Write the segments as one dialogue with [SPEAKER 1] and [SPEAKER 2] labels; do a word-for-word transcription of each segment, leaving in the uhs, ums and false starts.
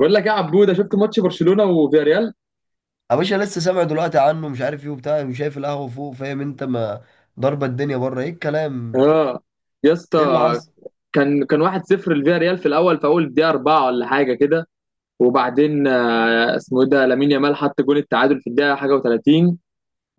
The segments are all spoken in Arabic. [SPEAKER 1] بقول لك إيه يا عبوده؟ شفت ماتش برشلونه وفياريال؟
[SPEAKER 2] يا باشا لسه سامع دلوقتي عنه، مش عارف ايه وبتاع، وشايف القهوة فوق. فاهم انت؟ ما ضربة الدنيا بره، ايه الكلام؟
[SPEAKER 1] اه يا
[SPEAKER 2] ايه اللي
[SPEAKER 1] اسطى.
[SPEAKER 2] حصل؟
[SPEAKER 1] كان كان واحد صفر لفياريال في الاول، في اول الدقيقه اربعه ولا حاجه كده. وبعدين آه، اسمه ايه ده لامين يامال، حط جون التعادل في الدقيقه حاجه و30.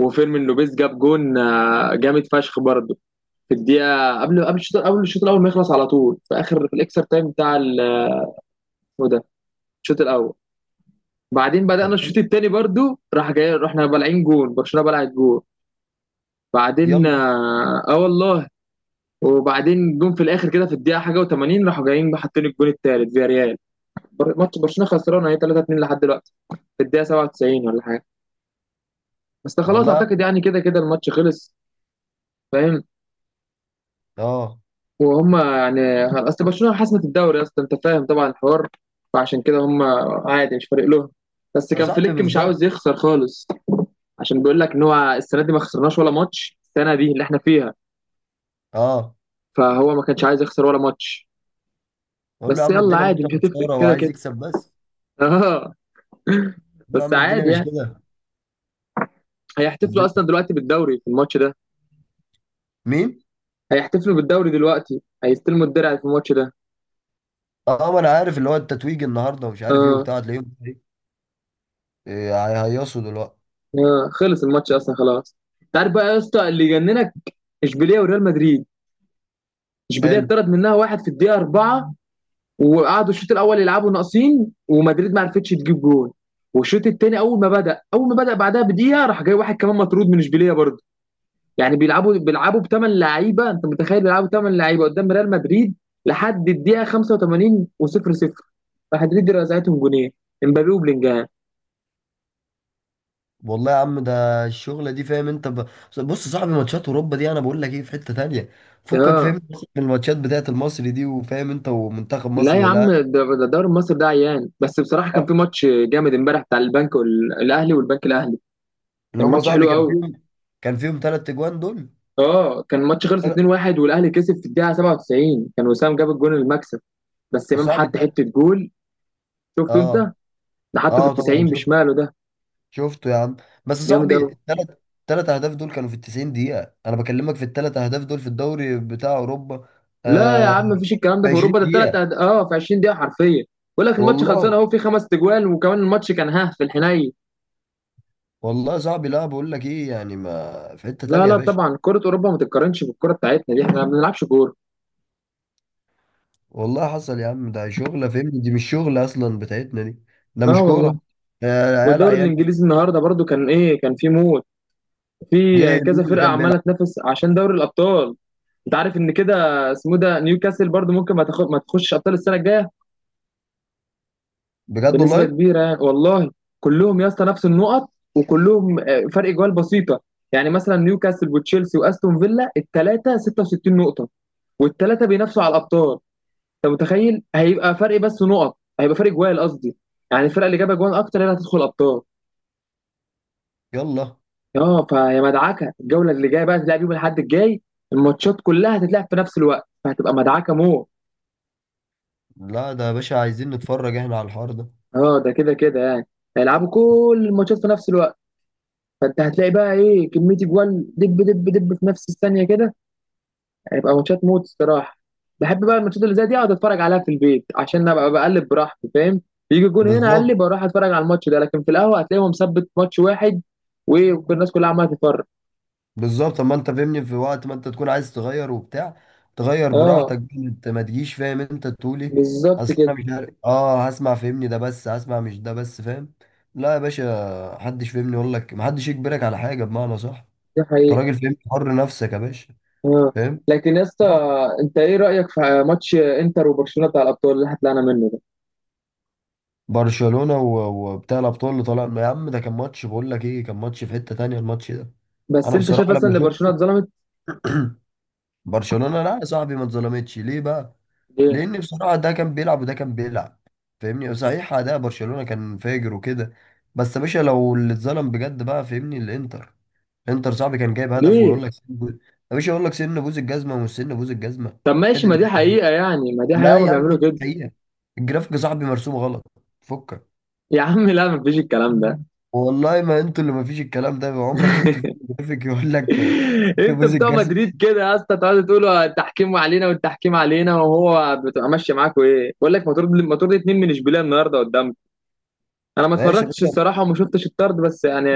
[SPEAKER 1] وفيرمين لوبيز جاب جون آه، جامد فشخ برضه في الدقيقه قبل قبل الشوط قبل الشوط الاول ما يخلص، على طول في اخر في الاكسترا تايم بتاع ال- اسمه إيه ده، الشوط الاول. بعدين بدانا
[SPEAKER 2] طب
[SPEAKER 1] الشوط
[SPEAKER 2] حلو،
[SPEAKER 1] الثاني برضه، راح جاي رحنا بلعين جون، برشلونه بلعت جون. بعدين
[SPEAKER 2] يلا.
[SPEAKER 1] اه، آه والله. وبعدين جم في الاخر كده في الدقيقه حاجه و80، راحوا جايين حاطين الجون الثالث فيا ريال. بر- ماتش برشلونه خسران اهي تلاتة اتنين لحد دلوقتي، في الدقيقه سبعة وتسعين ولا حاجه. بس ده خلاص
[SPEAKER 2] والله يا عم.
[SPEAKER 1] اعتقد يعني كده كده الماتش خلص. فاهم؟
[SPEAKER 2] اه
[SPEAKER 1] وهم يعني اصل برشلونه حسمت الدوري اصلا، انت فاهم طبعا الحوار، فعشان كده هم عادي مش فارق لهم. بس
[SPEAKER 2] يا
[SPEAKER 1] كان
[SPEAKER 2] صاحبي
[SPEAKER 1] فليك مش
[SPEAKER 2] بالظبط.
[SPEAKER 1] عاوز يخسر خالص، عشان بيقول لك ان هو السنه دي ما خسرناش ولا ماتش، السنه دي اللي احنا فيها.
[SPEAKER 2] اه.
[SPEAKER 1] فهو ما كانش عايز يخسر ولا ماتش.
[SPEAKER 2] اقول له يا
[SPEAKER 1] بس
[SPEAKER 2] عم
[SPEAKER 1] يلا
[SPEAKER 2] الدنيا
[SPEAKER 1] عادي
[SPEAKER 2] ماشيه
[SPEAKER 1] مش هتفرق
[SPEAKER 2] بشاره
[SPEAKER 1] كده
[SPEAKER 2] وعايز
[SPEAKER 1] كده.
[SPEAKER 2] يكسب بس.
[SPEAKER 1] اه.
[SPEAKER 2] اقول له يا
[SPEAKER 1] بس
[SPEAKER 2] عم الدنيا
[SPEAKER 1] عادي
[SPEAKER 2] مش
[SPEAKER 1] يعني.
[SPEAKER 2] كده.
[SPEAKER 1] هيحتفلوا اصلا
[SPEAKER 2] الدنيا.
[SPEAKER 1] دلوقتي بالدوري في الماتش ده.
[SPEAKER 2] مين؟
[SPEAKER 1] هيحتفلوا بالدوري دلوقتي، هيستلموا الدرع في الماتش ده.
[SPEAKER 2] اه ما انا عارف اللي هو التتويج النهارده ومش عارف ايه
[SPEAKER 1] اه.
[SPEAKER 2] وبتاع، تلاقيهم ايه هيهيصوا دلوقتي.
[SPEAKER 1] اه خلص الماتش اصلا خلاص. انت عارف بقى يا اسطى اللي يجننك؟ اشبيليه وريال مدريد. اشبيليه
[SPEAKER 2] حلو.
[SPEAKER 1] اتطرد منها واحد في الدقيقه اربعه، وقعدوا الشوط الاول يلعبوا ناقصين ومدريد ما عرفتش تجيب جول. والشوط الثاني اول ما بدا اول ما بدا بعدها بدقيقه راح جاي واحد كمان مطرود من اشبيليه برضه. يعني بيلعبوا بيلعبوا بثمان لعيبه، انت متخيل بيلعبوا بثمان لعيبه قدام ريال مدريد لحد الدقيقه خمسة وتمانين و0 صفر. مدريد رزعتهم جونين، امبابي وبلينجهام.
[SPEAKER 2] والله يا عم، ده الشغلة دي فاهم انت ب... بص، صاحب ماتشات اوروبا دي انا بقول لك ايه، في حتة تانية. فكك فاهم،
[SPEAKER 1] اه.
[SPEAKER 2] بس من الماتشات بتاعت المصري دي، وفاهم انت، ومنتخب
[SPEAKER 1] لا
[SPEAKER 2] مصر
[SPEAKER 1] يا عم
[SPEAKER 2] والاهلي.
[SPEAKER 1] ده ده الدوري المصري ده عيان، بس بصراحه كان
[SPEAKER 2] اه،
[SPEAKER 1] في ماتش جامد امبارح بتاع البنك وال- الاهلي والبنك الاهلي.
[SPEAKER 2] اللي
[SPEAKER 1] كان
[SPEAKER 2] هم
[SPEAKER 1] ماتش
[SPEAKER 2] صاحبي
[SPEAKER 1] حلو
[SPEAKER 2] كان
[SPEAKER 1] قوي.
[SPEAKER 2] فيهم، كان فيهم ثلاث اجوان دول.
[SPEAKER 1] اه كان ماتش خلص
[SPEAKER 2] تلات-
[SPEAKER 1] اتنين واحد والاهلي كسب في الدقيقه سبعة وتسعين، كان وسام جاب الجون المكسب. بس امام
[SPEAKER 2] صاحبي
[SPEAKER 1] حط
[SPEAKER 2] التل...
[SPEAKER 1] حته جول. شفته انت؟
[SPEAKER 2] اه.
[SPEAKER 1] ده حطه في ال
[SPEAKER 2] اه طبعا
[SPEAKER 1] تسعين
[SPEAKER 2] شفت.
[SPEAKER 1] بشماله ده.
[SPEAKER 2] شفته يا عم. بس
[SPEAKER 1] جامد
[SPEAKER 2] صاحبي
[SPEAKER 1] قوي.
[SPEAKER 2] الثلاث، ثلاث اهداف دول كانوا في ال تسعين دقيقة. انا بكلمك في الثلاث اهداف دول في الدوري بتاع اوروبا.
[SPEAKER 1] لا يا
[SPEAKER 2] آه
[SPEAKER 1] عم، مفيش الكلام
[SPEAKER 2] في
[SPEAKER 1] ده في
[SPEAKER 2] عشرين
[SPEAKER 1] اوروبا. ده الثلاث
[SPEAKER 2] دقيقة.
[SPEAKER 1] أهد... اه في عشرين دقيقه حرفيا. بقول لك الماتش
[SPEAKER 2] والله.
[SPEAKER 1] خلصان اهو في خمس تجوال، وكمان الماتش كان ها في الحنين.
[SPEAKER 2] والله يا صاحبي، لا بقول لك ايه، يعني ما في حتة
[SPEAKER 1] لا
[SPEAKER 2] تانية يا
[SPEAKER 1] لا
[SPEAKER 2] باشا.
[SPEAKER 1] طبعا كره اوروبا ما تتقارنش بالكره بتاعتنا، دي احنا ما بنلعبش كوره.
[SPEAKER 2] والله حصل يا عم، ده شغلة فهمني دي مش شغلة أصلا بتاعتنا دي. ده
[SPEAKER 1] اه
[SPEAKER 2] مش كورة.
[SPEAKER 1] والله.
[SPEAKER 2] آه، العيال
[SPEAKER 1] والدوري
[SPEAKER 2] عيانة.
[SPEAKER 1] الانجليزي النهارده برضو كان ايه، كان في موت. في
[SPEAKER 2] ليه؟
[SPEAKER 1] كذا
[SPEAKER 2] مين اللي
[SPEAKER 1] فرقه
[SPEAKER 2] كان بيلعب؟
[SPEAKER 1] عماله تنافس عشان دوري الابطال. انت عارف ان كده اسمه ده نيوكاسل برضو ممكن ما تاخد ما تخش ابطال السنه الجايه،
[SPEAKER 2] بجد
[SPEAKER 1] بنسبة
[SPEAKER 2] والله.
[SPEAKER 1] كبيرة يعني. والله. كلهم يا اسطى نفس النقط، وكلهم آه، فرق جوال بسيطة. يعني مثلا نيوكاسل وتشيلسي واستون فيلا الثلاثة ستة وستين نقطة، والثلاثة بينافسوا على الأبطال. أنت متخيل هيبقى فرق بس نقط، هيبقى فرق جوال قصدي. يعني الفرقة اللي جايبة جوال أكتر هي اللي هتدخل أبطال.
[SPEAKER 2] يلا.
[SPEAKER 1] اه فيا مدعكة الجولة اللي جاية بقى، هتلعب يوم الأحد الجاي، الماتشات كلها هتتلعب في نفس الوقت، فهتبقى مدعكة مو.
[SPEAKER 2] لا ده يا باشا عايزين نتفرج احنا على الحوار ده.
[SPEAKER 1] اه ده كده كده يعني. هيلعبوا كل الماتشات في نفس الوقت، فانت هتلاقي بقى ايه، كميه جوال دب دب دب في نفس الثانيه كده. هيبقى ماتشات موت الصراحه. بحب بقى الماتشات اللي زي دي اقعد اتفرج عليها في البيت، عشان ابقى بقلب براحتي فاهم. يجي الجون هنا
[SPEAKER 2] بالظبط.
[SPEAKER 1] اقلب اروح اتفرج على الماتش ده، لكن في القهوه هتلاقيهم مثبت ماتش واحد، والناس كلها عماله تتفرج.
[SPEAKER 2] بالظبط. طب ما انت فهمني في وقت ما انت تكون عايز تغير وبتاع، تغير
[SPEAKER 1] اه
[SPEAKER 2] براحتك بقى، انت ما تجيش. فاهم انت؟ تقولي
[SPEAKER 1] بالظبط
[SPEAKER 2] اصل
[SPEAKER 1] كده.
[SPEAKER 2] انا مش عارف، اه هسمع فهمني ده بس، هسمع مش ده بس. فاهم؟ لا يا باشا، محدش فهمني يقول لك، محدش يجبرك على حاجة بمعنى صح.
[SPEAKER 1] دي
[SPEAKER 2] انت
[SPEAKER 1] حقيقه.
[SPEAKER 2] راجل فهمني حر نفسك يا باشا.
[SPEAKER 1] اه.
[SPEAKER 2] فاهم.
[SPEAKER 1] لكن يا اسطى انت ايه رايك في ماتش انتر وبرشلونه بتاع الابطال اللي هتلاقينا منه ده؟
[SPEAKER 2] برشلونة و- وبتاع الأبطال اللي طالع يا عم، ده كان ماتش بقول لك إيه، كان ماتش في حتة تانية الماتش ده.
[SPEAKER 1] بس
[SPEAKER 2] أنا
[SPEAKER 1] انت شايف
[SPEAKER 2] بصراحة
[SPEAKER 1] اصلا
[SPEAKER 2] لما
[SPEAKER 1] ان برشلونه
[SPEAKER 2] شفته
[SPEAKER 1] اتظلمت؟
[SPEAKER 2] برشلونة لا يا صاحبي ما اتظلمتش. ليه بقى؟
[SPEAKER 1] ليه؟
[SPEAKER 2] لأن بصراحة ده كان بيلعب وده كان بيلعب. فاهمني، صحيح أداء برشلونة كان فاجر وكده، بس يا باشا لو اللي اتظلم بجد بقى فاهمني الإنتر. إنتر صاحبي كان جايب هدف
[SPEAKER 1] ليه؟
[SPEAKER 2] ويقول لك سن بوز- يا باشا يقول لك سن بوز الجزمة ومش سن بوز الجزمة.
[SPEAKER 1] طب
[SPEAKER 2] حد
[SPEAKER 1] ماشي ما دي
[SPEAKER 2] اللي.
[SPEAKER 1] حقيقه يعني، ما دي
[SPEAKER 2] لا
[SPEAKER 1] حقيقه هما
[SPEAKER 2] يا عم
[SPEAKER 1] بيعملوا
[SPEAKER 2] مش
[SPEAKER 1] كده.
[SPEAKER 2] حقيقة، الجرافيك يا صاحبي مرسوم غلط. فكك.
[SPEAKER 1] يا عم لا مفيش الكلام ده.
[SPEAKER 2] والله ما انتوا اللي ما فيش الكلام ده. عمرك شفت فيلم جرافيك يقول لك آه، ست
[SPEAKER 1] انتوا
[SPEAKER 2] بوز
[SPEAKER 1] بتوع
[SPEAKER 2] الجزمه؟
[SPEAKER 1] مدريد كده يا اسطى، تقعدوا تقولوا التحكيم علينا والتحكيم علينا، وهو بتبقى ماشيه معاكوا. ايه بقول لك ما طرد ما طرد اتنين من اشبيليه النهارده قدامك. انا ما
[SPEAKER 2] ماشي يا
[SPEAKER 1] اتفرجتش
[SPEAKER 2] باشا.
[SPEAKER 1] الصراحه وما شفتش الطرد، بس يعني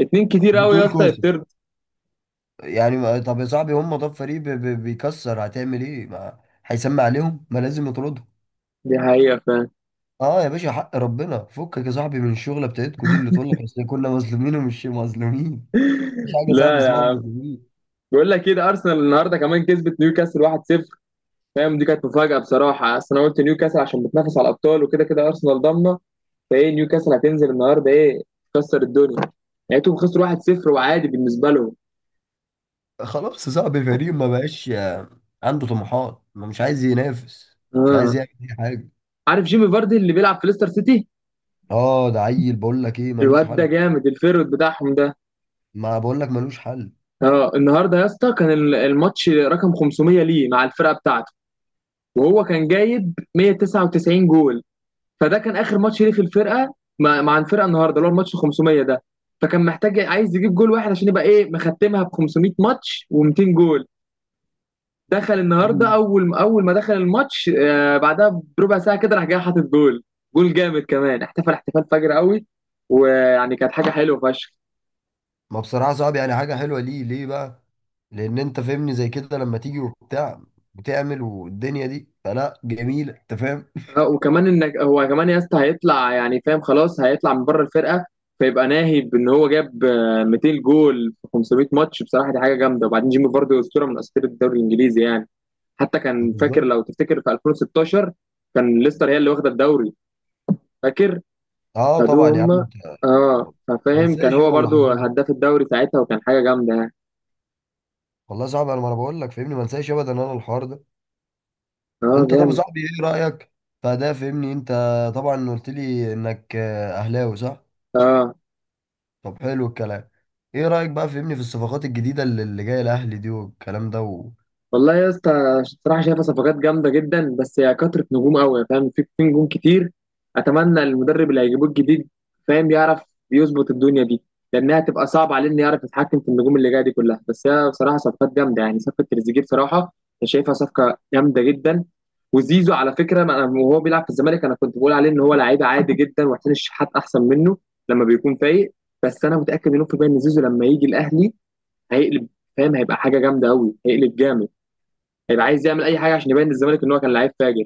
[SPEAKER 1] اتنين كتير قوي يا
[SPEAKER 2] بتقول
[SPEAKER 1] اسطى
[SPEAKER 2] كوسه،
[SPEAKER 1] يتطرد.
[SPEAKER 2] يعني ما- طب يا صاحبي هم، طب فريق بي- بي- بيكسر هتعمل ايه؟ ما هيسمع عليهم، ما لازم يطردهم.
[SPEAKER 1] دي حقيقه فاهم.
[SPEAKER 2] اه يا باشا حق ربنا. فكك يا صاحبي من الشغله بتاعتكوا دي اللي تقول لك اصل كنا مظلومين ومش مظلومين. مفيش حاجه يا صاحبي
[SPEAKER 1] لا
[SPEAKER 2] اسمها مظلومين.
[SPEAKER 1] بقول لك كده ارسنال النهارده كمان كسبت نيوكاسل واحد صفر. فاهم دي كانت مفاجاه بصراحه، اصل انا قلت نيوكاسل عشان بتنافس على الابطال وكده كده ارسنال ضامنه. فايه نيوكاسل هتنزل النهارده ايه، تكسر الدنيا. لقيتهم خسروا واحد صفر وعادي بالنسبه لهم.
[SPEAKER 2] خلاص يا صاحبي، فريق ما بقاش آه، عنده طموحات، ما مش عايز ينافس، مش عايز
[SPEAKER 1] اه.
[SPEAKER 2] يعمل اي حاجه.
[SPEAKER 1] عارف جيمي فاردي اللي بيلعب في ليستر سيتي؟
[SPEAKER 2] اه ده عيل بقول لك ايه، ملوش
[SPEAKER 1] الواد ده
[SPEAKER 2] حل.
[SPEAKER 1] جامد الفيرود بتاعهم ده.
[SPEAKER 2] ما بقول لك ملوش حل.
[SPEAKER 1] اه النهارده يا اسطى كان ال- الماتش رقم خمسميه ليه مع الفرقه بتاعته، وهو كان جايب مائة وتسعة وتسعين جول. فده كان اخر ماتش ليه في الفرقه، مع مع الفرقه النهارده اللي هو الماتش خمسميه ده. فكان محتاج عايز يجيب جول واحد عشان يبقى ايه مختمها ب خمسميه ماتش و200 جول. دخل النهارده
[SPEAKER 2] مم.
[SPEAKER 1] اول اول ما دخل الماتش، آه، بعدها بربع ساعه كده راح جاي حاطط جول. جول جامد كمان، احتفل احتفال فجر قوي. ويعني كانت حاجه حلوه فشخ.
[SPEAKER 2] ما بصراحة صعب، يعني حاجة حلوة ليه ليه بقى؟ لأن أنت فاهمني زي كده لما تيجي وبتاع، بتعمل والدنيا دي فلا جميلة. أنت فاهم؟
[SPEAKER 1] آه، وكمان انك هو كمان يا اسطى هيطلع يعني فاهم، خلاص هيطلع من بره الفرقه. فيبقى ناهي بان هو جاب آه، ميتين جول في خمسميه ماتش. بصراحه دي حاجه جامده. وبعدين جيمي فاردي اسطوره من اساطير الدوري الانجليزي يعني. حتى كان فاكر
[SPEAKER 2] بالظبط.
[SPEAKER 1] لو تفتكر، في الفين وستاشر كان ليستر هي اللي واخده الدوري، فاكر؟
[SPEAKER 2] أه طبعا
[SPEAKER 1] خدوه
[SPEAKER 2] يا عم
[SPEAKER 1] هم.
[SPEAKER 2] أنت،
[SPEAKER 1] اه.
[SPEAKER 2] ما
[SPEAKER 1] فاهم كان
[SPEAKER 2] انساش
[SPEAKER 1] هو
[SPEAKER 2] أنا
[SPEAKER 1] برضو
[SPEAKER 2] اللحظات دي.
[SPEAKER 1] هداف الدوري ساعتها وكان حاجه جامده يعني.
[SPEAKER 2] والله صعب، أنا ما أنا بقول لك فاهمني ما انساش أبدا أنا الحوار ده.
[SPEAKER 1] اه
[SPEAKER 2] أنت طب يا
[SPEAKER 1] جامد.
[SPEAKER 2] صاحبي إيه رأيك؟ فده فاهمني أنت، طبعا قلت لي إنك آه، أهلاوي صح؟
[SPEAKER 1] اه
[SPEAKER 2] طب حلو الكلام. إيه رأيك بقى فاهمني في الصفقات الجديدة اللي اللي جاية الأهلي دي والكلام ده؟
[SPEAKER 1] والله يا اسطى الصراحه شايفه صفقات جامده جدا، بس هي كثره نجوم قوي فاهم، في في نجوم كتير. اتمنى المدرب اللي هيجيبوه الجديد فاهم يعرف يظبط الدنيا دي، لانها هتبقى صعبه عليه انه يعرف يتحكم في النجوم اللي جايه دي كلها. بس هي بصراحه صفقات جامده يعني، صفقه تريزيجيه بصراحه انا شايفها صفقه جامده جدا. وزيزو على فكره ما أنا- وهو بيلعب في الزمالك انا كنت بقول عليه ان هو لعيب عادي جدا، وحسين الشحات احسن منه لما بيكون فايق. بس انا متاكد مليون في المية ان زيزو لما يجي الاهلي هيقلب، فاهم هيبقى حاجه جامده قوي، هيقلب جامد. هيبقى عايز يعمل اي حاجه عشان يبين للزمالك ان هو كان لعيب فاجر.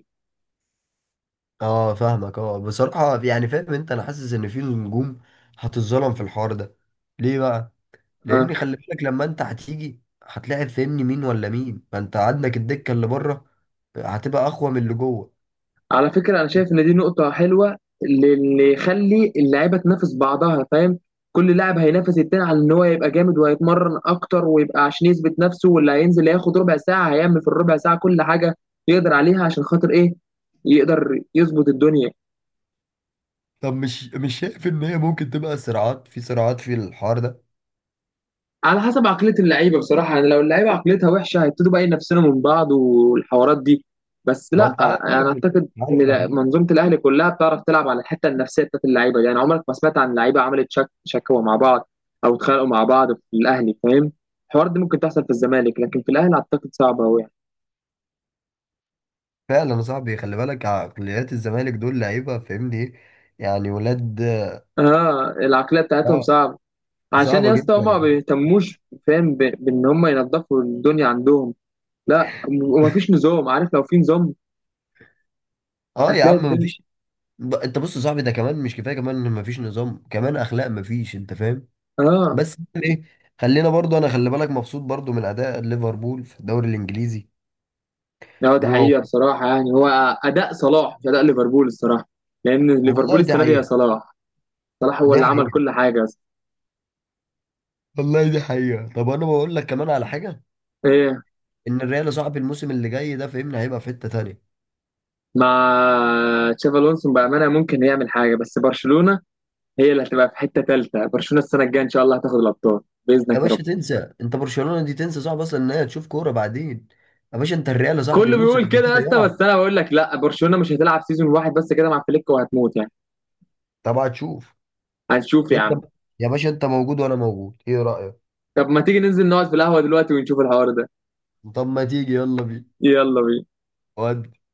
[SPEAKER 2] اه فاهمك. اه بصراحة يعني فاهم انت، انا حاسس ان في نجوم هتتظلم في الحوار ده. ليه بقى؟
[SPEAKER 1] اه
[SPEAKER 2] لان خلي بالك لما انت هتيجي هتلاعب فاهمني مين ولا مين، ما انت عندك الدكة اللي بره هتبقى اقوى من اللي جوه.
[SPEAKER 1] على فكره انا شايف ان دي نقطه حلوه، لان يخلي اللعيبه تنافس بعضها فاهم. كل لاعب هينافس التاني على ان هو يبقى جامد، وهيتمرن اكتر ويبقى عشان يثبت نفسه. واللي هينزل هياخد ربع ساعه هيعمل في الربع ساعه كل حاجه يقدر عليها، عشان خاطر ايه يقدر يظبط الدنيا.
[SPEAKER 2] طب مش مش شايف ان هي ممكن تبقى صراعات، في صراعات في الحوار ده؟
[SPEAKER 1] على حسب عقلية اللعيبة بصراحة يعني، لو اللعيبة عقليتها وحشة هيبتدوا بقى ينافسونا من بعض والحوارات دي. بس
[SPEAKER 2] ما
[SPEAKER 1] لا
[SPEAKER 2] انت عارف
[SPEAKER 1] انا
[SPEAKER 2] ال-
[SPEAKER 1] اعتقد ان
[SPEAKER 2] عارف
[SPEAKER 1] لا-
[SPEAKER 2] العقلية.
[SPEAKER 1] منظومة الاهلي كلها بتعرف تلعب على الحتة النفسية بتاعت اللعيبة دي، يعني عمرك ما سمعت عن لعيبة عملت شك شكوى مع بعض او اتخانقوا مع بعض في الاهلي فاهم. الحوار دي ممكن تحصل في الزمالك، لكن في الاهلي اعتقد صعبة قوي يعني.
[SPEAKER 2] فعلا يا صاحبي، خلي بالك عقليات الزمالك دول لعيبة فاهمني ايه، يعني ولاد.
[SPEAKER 1] اه العقلية بتاعتهم
[SPEAKER 2] اه.
[SPEAKER 1] صعبة، عشان
[SPEAKER 2] صعبة
[SPEAKER 1] يا اسطى
[SPEAKER 2] جدا
[SPEAKER 1] هما ما
[SPEAKER 2] يعني.
[SPEAKER 1] بيهتموش فاهم ب- بان هما ينظفوا الدنيا عندهم. لا ومفيش نظام، عارف لو في نظام
[SPEAKER 2] اه يا
[SPEAKER 1] هتلاقي
[SPEAKER 2] عم
[SPEAKER 1] الدنيا.
[SPEAKER 2] مفيش. ب- انت بص يا صاحبي، ده كمان مش كفايه، كمان ان مفيش نظام، كمان اخلاق مفيش. انت فاهم؟
[SPEAKER 1] اه.
[SPEAKER 2] بس يعني ايه. خلينا برضو، انا خلي بالك مبسوط برضو من اداء ليفربول في الدوري الانجليزي.
[SPEAKER 1] لا دي
[SPEAKER 2] واو.
[SPEAKER 1] حقيقة بصراحة يعني، هو أداء صلاح مش أداء ليفربول الصراحة. لأن ليفربول
[SPEAKER 2] والله دي
[SPEAKER 1] السنة دي يا
[SPEAKER 2] حقيقه.
[SPEAKER 1] صلاح، صلاح هو
[SPEAKER 2] دي
[SPEAKER 1] اللي عمل
[SPEAKER 2] حقيقه.
[SPEAKER 1] كل حاجة أصلا.
[SPEAKER 2] والله دي حقيقه. طب انا بقول لك كمان على حاجه،
[SPEAKER 1] إيه؟
[SPEAKER 2] ان الريال يا صاحبي الموسم اللي جاي ده فهمني هيبقى في حته تانيه.
[SPEAKER 1] مع تشافي ألونسو بأمانة ممكن يعمل حاجة، بس برشلونة هي اللي هتبقى في حتة تالتة. برشلونة السنة الجاية إن شاء الله هتاخد الأبطال
[SPEAKER 2] يا
[SPEAKER 1] بإذنك يا رب.
[SPEAKER 2] باشا تنسى، انت برشلونه دي تنسى، صعب اصلا ان هي تشوف كوره بعدين. يا باشا انت الريال يا صاحبي
[SPEAKER 1] كله
[SPEAKER 2] موسم
[SPEAKER 1] بيقول
[SPEAKER 2] زي
[SPEAKER 1] كده يا
[SPEAKER 2] كده
[SPEAKER 1] اسطى،
[SPEAKER 2] يلعب.
[SPEAKER 1] بس أنا بقول لك لا، برشلونة مش هتلعب سيزون واحد بس كده مع فليك وهتموت يعني.
[SPEAKER 2] طبعا تشوف.
[SPEAKER 1] هنشوف يا
[SPEAKER 2] انت
[SPEAKER 1] عم.
[SPEAKER 2] يا باشا انت موجود وانا موجود، ايه رايك؟
[SPEAKER 1] طب ما تيجي ننزل نقعد في القهوة دلوقتي ونشوف الحوار ده؟
[SPEAKER 2] طب ما تيجي يلا بينا.
[SPEAKER 1] يلا بينا.
[SPEAKER 2] ودي